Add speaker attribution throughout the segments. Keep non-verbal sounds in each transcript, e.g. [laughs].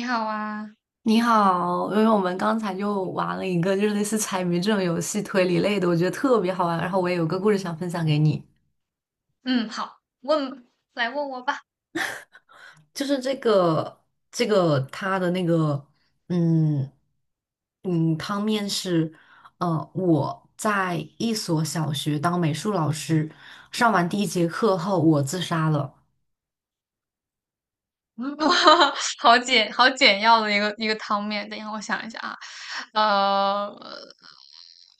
Speaker 1: 你好啊。
Speaker 2: 你好，因为我们刚才就玩了一个就是类似猜谜这种游戏推理类的，我觉得特别好玩。然后我也有个故事想分享给你，
Speaker 1: 嗯，好，问，来问我吧。
Speaker 2: 就是这个它的那个嗯汤面是我在一所小学当美术老师，上完第一节课后我自杀了。
Speaker 1: 嗯，[laughs] 哇，好简要的一个汤面。等一下，我想一下啊。呃，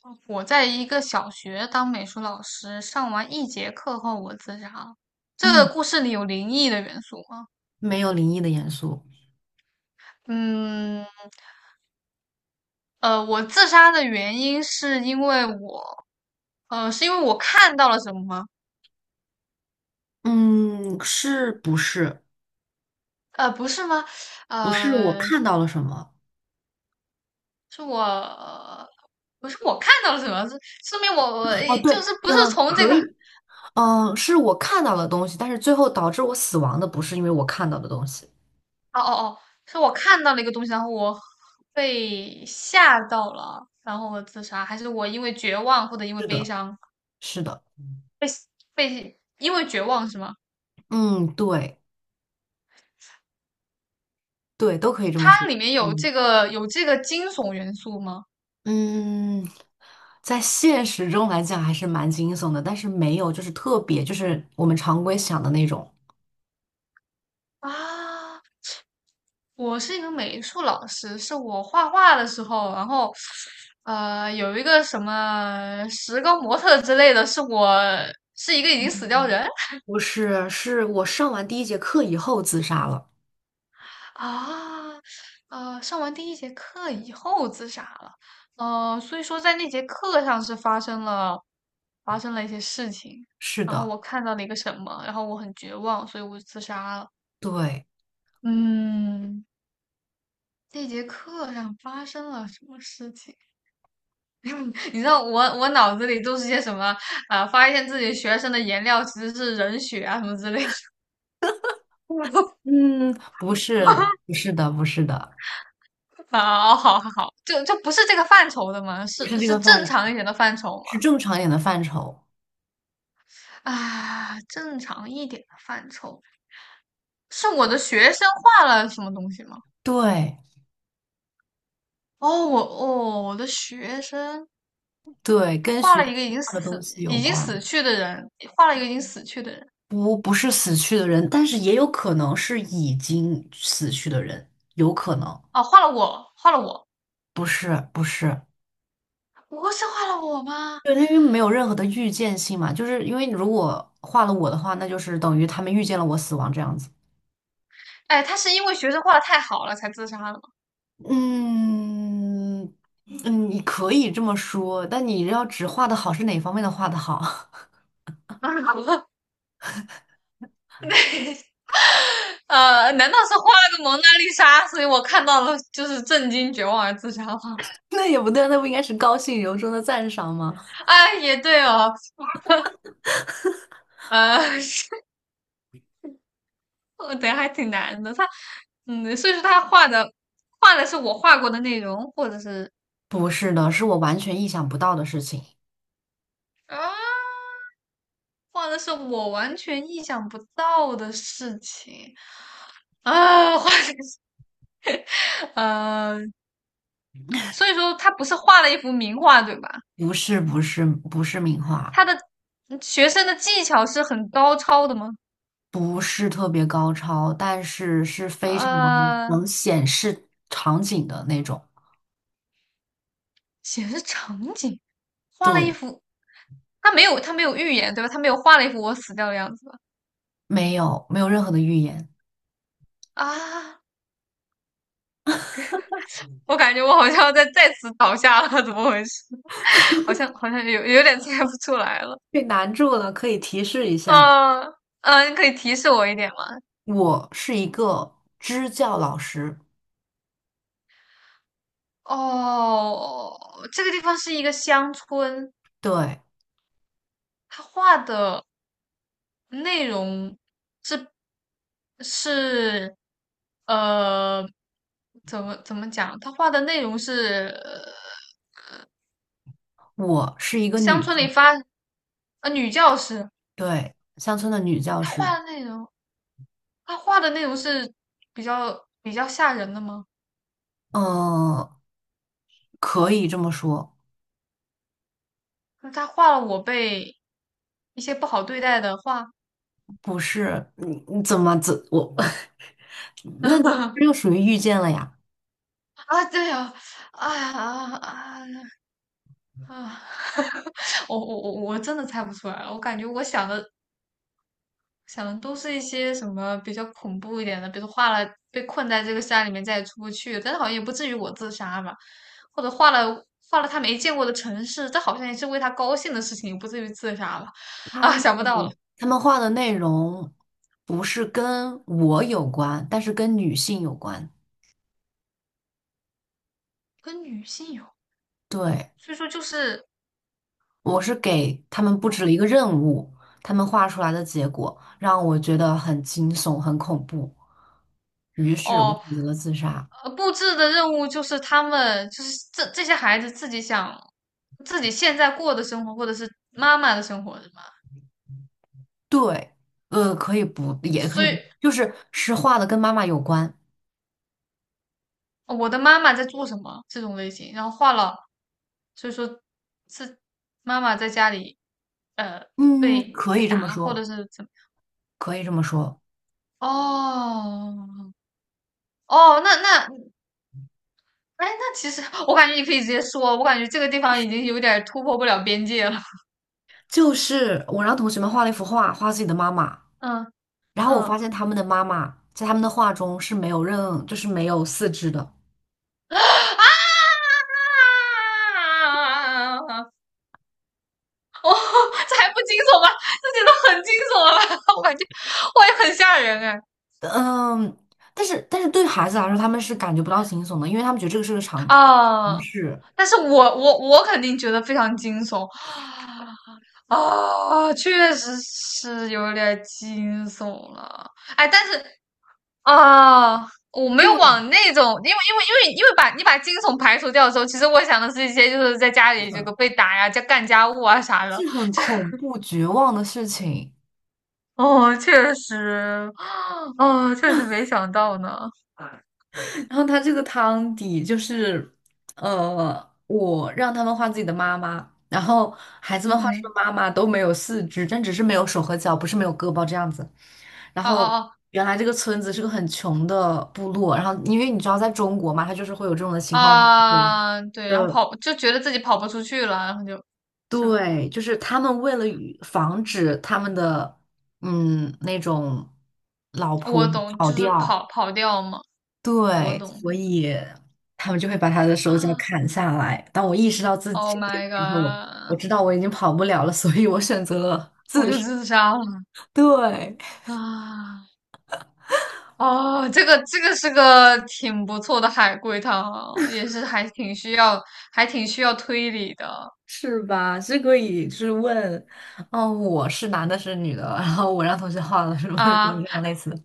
Speaker 1: 我在一个小学当美术老师，上完一节课后我自杀了。这个
Speaker 2: 嗯，
Speaker 1: 故事里有灵异的元素吗？
Speaker 2: 没有灵异的元素。
Speaker 1: 嗯，呃，我自杀的原因是因为我，呃，是因为我看到了什么吗？
Speaker 2: 嗯，是不是？
Speaker 1: 呃，不是吗？
Speaker 2: 不是我
Speaker 1: 呃，
Speaker 2: 看到了什么？
Speaker 1: 是我，不是我看到了什么，是说明我
Speaker 2: 哦，
Speaker 1: 诶
Speaker 2: 对，
Speaker 1: 就是不是
Speaker 2: 嗯，
Speaker 1: 从这
Speaker 2: 可
Speaker 1: 个，
Speaker 2: 以。嗯，是我看到的东西，但是最后导致我死亡的不是因为我看到的东西。
Speaker 1: 哦哦，是我看到了一个东西，然后我被吓到了，然后我自杀，还是我因为绝望或者因为悲伤
Speaker 2: 是的。
Speaker 1: 被因为绝望是吗？
Speaker 2: 嗯，对，对，都可以这么说。
Speaker 1: 它里面有
Speaker 2: 嗯，
Speaker 1: 这个惊悚元素吗？
Speaker 2: 嗯，在现实中来讲还是蛮惊悚的，但是没有就是特别就是我们常规想的那种。
Speaker 1: 啊，我是一个美术老师，是我画画的时候，然后，呃，有一个什么石膏模特之类的，是我是一个已经死掉人
Speaker 2: 不是，是我上完第一节课以后自杀了。
Speaker 1: 啊，呃，上完第一节课以后自杀了，呃，所以说在那节课上是发生了一些事情，
Speaker 2: 是
Speaker 1: 然后
Speaker 2: 的。
Speaker 1: 我看到了一个什么，然后我很绝望，所以我就自杀了。
Speaker 2: 对，
Speaker 1: 嗯，那节课上发生了什么事情？你知道我脑子里都是些什么啊、呃发现自己学生的颜料其实是人血啊什么之类的。[laughs]
Speaker 2: 嗯，不是，不是的，不是的，
Speaker 1: 好好好，就不是这个范畴的嘛，是
Speaker 2: 不是这
Speaker 1: 是
Speaker 2: 个范
Speaker 1: 正
Speaker 2: 畴，
Speaker 1: 常一点的范畴嘛？
Speaker 2: 是正常一点的范畴。
Speaker 1: 啊，正常一点的范畴，是我的学生画了什么东西吗？
Speaker 2: 对
Speaker 1: 哦，我哦，我的学生
Speaker 2: 对，
Speaker 1: 他
Speaker 2: 跟
Speaker 1: 画
Speaker 2: 学
Speaker 1: 了一
Speaker 2: 习
Speaker 1: 个已经
Speaker 2: 上的东
Speaker 1: 死
Speaker 2: 西有关。
Speaker 1: 去的人，画了一个已经死去的人。
Speaker 2: 不，不是死去的人，但是也有可能是已经死去的人，有可能
Speaker 1: 哦，画了我，画了我，
Speaker 2: 不是，不是，
Speaker 1: 不是画了我吗？
Speaker 2: 对，那因为没有任何的预见性嘛，就是因为如果画了我的话，那就是等于他们预见了我死亡这样子。
Speaker 1: 哎，他是因为学生画的太好了才自杀的吗？
Speaker 2: 嗯嗯，你可以这么说，但你要只画的好是哪方面的画的好？
Speaker 1: [laughs] 啊，好难道是画了个蒙娜丽莎，所以我看到了就是震惊、绝望而自杀吗？
Speaker 2: [laughs] 那也不对，那不应该是高兴由衷的赞赏吗？
Speaker 1: [laughs] 啊，也对哦，呃，[laughs] 我等还挺难的。他，嗯，所以说他画的画的是我画过的内容，或者是
Speaker 2: 不是的，是我完全意想不到的事情，
Speaker 1: 啊，画的是我完全意想不到的事情，啊，画的是呃，所以说他不是画了一幅名画对吧？
Speaker 2: 不是不是不是名
Speaker 1: 他
Speaker 2: 画。
Speaker 1: 的嗯学生的技巧是很高超的吗？
Speaker 2: 不是特别高超，但是是非常
Speaker 1: 呃，
Speaker 2: 能显示场景的那种。
Speaker 1: 显示场景，画了一
Speaker 2: 对，
Speaker 1: 幅，他没有预言对吧？他没有画了一幅我死掉的样子吧？
Speaker 2: 没有没有任何的预言。
Speaker 1: 啊，我感觉我好像要再次倒下了，怎么回事？好像有点猜不出来了。
Speaker 2: 被难住了，可以提示一下。
Speaker 1: 啊，嗯，你可以提示我一点吗？
Speaker 2: 我是一个支教老师，
Speaker 1: 哦，这个地方是一个乡村，
Speaker 2: 对，
Speaker 1: 他画的内容是是呃，怎么讲？他画的内容是
Speaker 2: 我是一个
Speaker 1: 乡
Speaker 2: 女
Speaker 1: 村里
Speaker 2: 性，
Speaker 1: 发呃女教师，
Speaker 2: 对，乡村的女教
Speaker 1: 她
Speaker 2: 师。
Speaker 1: 画的内容，她画的内容是比较吓人的吗？
Speaker 2: 嗯，可以这么说。
Speaker 1: 就是她画了我被一些不好对待的画。
Speaker 2: 不是，你怎么怎我 [laughs] 那这就
Speaker 1: [laughs]
Speaker 2: 属于遇见了呀？
Speaker 1: 啊，对啊，哎呀啊啊啊！[laughs] 我真的猜不出来了，我感觉我想的想的都是一些什么比较恐怖一点的，比如画了被困在这个山里面再也出不去，但是好像也不至于我自杀吧，或者画了他没见过的城市，这好像也是为他高兴的事情，也不至于自杀吧？
Speaker 2: 他。
Speaker 1: 啊，想不到了。
Speaker 2: 他们画的内容不是跟我有关，但是跟女性有关。
Speaker 1: 跟女性有，
Speaker 2: 对，
Speaker 1: 所以说就是
Speaker 2: 我是给他们布置了一个任务，他们画出来的结果让我觉得很惊悚、很恐怖，于是我选
Speaker 1: 哦，
Speaker 2: 择了自杀。
Speaker 1: 呃布置的任务就是他们就是这些孩子自己想自己现在过的生活，或者是妈妈的生活，是吗？
Speaker 2: 对，可以不，也可
Speaker 1: 所
Speaker 2: 以不，
Speaker 1: 以
Speaker 2: 就是是画的跟妈妈有关。
Speaker 1: 哦我的妈妈在做什么这种类型，然后画了，所以说是妈妈在家里呃
Speaker 2: 嗯，
Speaker 1: 被
Speaker 2: 可
Speaker 1: 被
Speaker 2: 以这么
Speaker 1: 打或者
Speaker 2: 说，
Speaker 1: 是怎么。
Speaker 2: 可以这么说，
Speaker 1: 哦哦，那那哎，那其实我感觉你可以直接说，我感觉这个地方已经有点儿突破不了边界了。
Speaker 2: 就是我让同学们画了一幅画，画自己的妈妈。
Speaker 1: 嗯
Speaker 2: 然后
Speaker 1: 嗯
Speaker 2: 我发
Speaker 1: 啊！
Speaker 2: 现他们的妈妈在他们的画中是没有任，就是没有四肢的。
Speaker 1: [laughs] 哦，这还不惊悚吗？这觉得很惊悚了吧？[laughs] 我感觉我也很吓人哎。
Speaker 2: 嗯，但是对孩子来说，他们是感觉不到惊悚的，因为他们觉得这个是个常不
Speaker 1: 哦
Speaker 2: 是，
Speaker 1: 但是我肯定觉得非常惊悚啊，确实是有点惊悚了。哎，但是啊，我没有
Speaker 2: 对，
Speaker 1: 往那种，因为把你把惊悚排除掉的时候，其实我想的是一些就是在家里这个被打呀、家干家务啊啥的。
Speaker 2: 是很恐怖绝望的事情。
Speaker 1: 哦，确实，哦，确实没想到呢。
Speaker 2: [laughs] 然后他这个汤底就是，我让他们画自己的妈妈，然后孩子们画出的
Speaker 1: 嗯，
Speaker 2: 妈妈都没有四肢，但只是没有手和脚，不是没有胳膊这样子。然后
Speaker 1: 哦
Speaker 2: 原来这个村子是个很穷的部落，然后因为你知道在中国嘛，它就是会有这种的情况发生。
Speaker 1: 啊，对，然后
Speaker 2: 呃，
Speaker 1: 跑就觉得自己跑不出去了，然后就是吧。
Speaker 2: 对，就是他们为了与防止他们的那种老婆
Speaker 1: 我懂，
Speaker 2: 跑
Speaker 1: 就是
Speaker 2: 掉，
Speaker 1: 跑掉嘛，我
Speaker 2: 对，
Speaker 1: 懂
Speaker 2: 所
Speaker 1: 的。[gasps]
Speaker 2: 以他们就会把他的手脚
Speaker 1: 啊
Speaker 2: 砍下来。当我意识到自己
Speaker 1: ，Oh
Speaker 2: 这一点
Speaker 1: my
Speaker 2: 之后，我
Speaker 1: god,
Speaker 2: 知道我已经跑不了了，所以我选择了
Speaker 1: 我
Speaker 2: 自
Speaker 1: 就
Speaker 2: 杀。
Speaker 1: 自杀了
Speaker 2: 对。
Speaker 1: 啊！哦，这个这个是个挺不错的海龟汤啊也是还挺需要，还挺需要推理的
Speaker 2: 是吧？是可以，就是问，哦，我是男的，是女的，然后我让同学画了，是不是这
Speaker 1: 啊。
Speaker 2: 样类似的？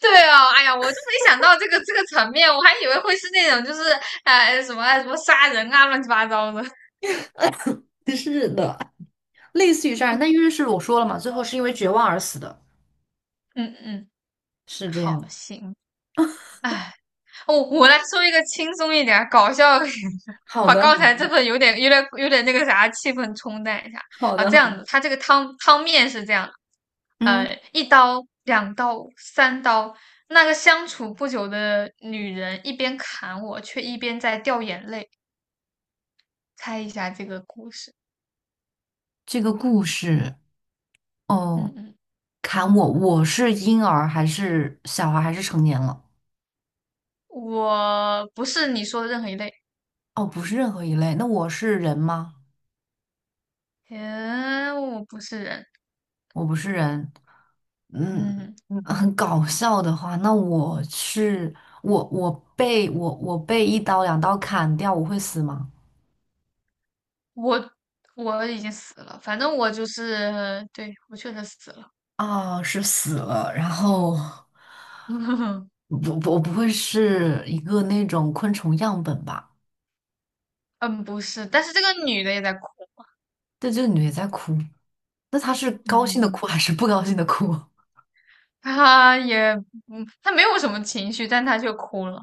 Speaker 1: 对哦，哎呀，我就没想到这个这个层面，我还以为会是那种就是哎什么杀人啊，乱七八糟的。
Speaker 2: [laughs] 是的，类似于这样，那因
Speaker 1: [laughs]
Speaker 2: 为是我说了嘛，最后是因为绝望而死的，
Speaker 1: 嗯嗯，
Speaker 2: 是这
Speaker 1: 好，
Speaker 2: 样。
Speaker 1: 行。哎，我来说一个轻松一点儿、搞笑一点的，[laughs]
Speaker 2: 好
Speaker 1: 把
Speaker 2: 的，
Speaker 1: 刚才这份有点、有点那个啥气氛冲淡一下
Speaker 2: 好
Speaker 1: 啊。
Speaker 2: 的，
Speaker 1: 这
Speaker 2: 好
Speaker 1: 样子，
Speaker 2: 的。
Speaker 1: 它这个汤面是这样的
Speaker 2: 嗯，
Speaker 1: 呃，一刀、两刀、三刀，那个相处不久的女人一边砍我，却一边在掉眼泪。猜一下这个故事？
Speaker 2: 这个故事
Speaker 1: 嗯
Speaker 2: 哦，
Speaker 1: 嗯，
Speaker 2: 砍我，我是婴儿还是小孩还是成年了？
Speaker 1: 我不是你说的任何一类。
Speaker 2: 哦，不是任何一类。那我是人吗？
Speaker 1: 嗯，我不是人，
Speaker 2: 我不是人。嗯，
Speaker 1: 嗯。
Speaker 2: 嗯很搞笑的话，那我是我被我被一刀两刀砍掉，我会死吗？
Speaker 1: 我我已经死了，反正我就是，对，我确实死了。
Speaker 2: 啊，是死了，然后
Speaker 1: [laughs]
Speaker 2: [laughs] 不我不会是一个那种昆虫样本吧？
Speaker 1: 嗯，不是，但是这个女的也在哭，
Speaker 2: 对，这个女的在哭，那她是
Speaker 1: 嗯
Speaker 2: 高兴
Speaker 1: 嗯
Speaker 2: 的
Speaker 1: 嗯，
Speaker 2: 哭还是不高兴的哭？[laughs]
Speaker 1: 她也，嗯，她没有什么情绪，但她却哭了，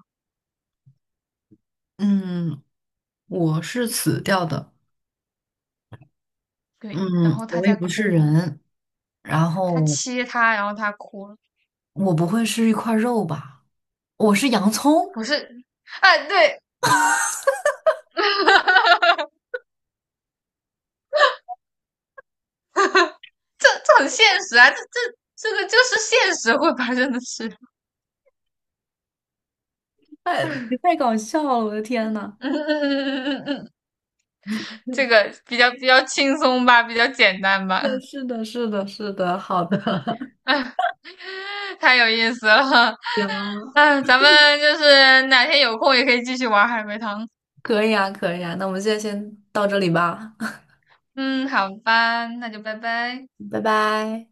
Speaker 2: 嗯，我是死掉的。嗯，
Speaker 1: 对，然后她
Speaker 2: 我也
Speaker 1: 在
Speaker 2: 不是
Speaker 1: 哭，
Speaker 2: 人，然
Speaker 1: 她
Speaker 2: 后
Speaker 1: 切她，然后她哭了，
Speaker 2: 我不会是一块肉吧？我是洋葱。
Speaker 1: 不是，哎，对，[laughs] 这这很现实啊，这这个就是现实会发生的事，
Speaker 2: 你太搞笑了，我的天呐！
Speaker 1: 嗯这个比较轻松吧，比较简单吧，[laughs]
Speaker 2: 是的，是的，是的，是的，好的。
Speaker 1: 哎，太有意思了。
Speaker 2: [laughs] 行，
Speaker 1: 嗯，咱们就是哪天有空也可以继续玩海龟汤。
Speaker 2: 可以啊，可以啊，那我们现在先到这里吧。
Speaker 1: 嗯，好吧，那就拜拜。
Speaker 2: [laughs] 拜拜。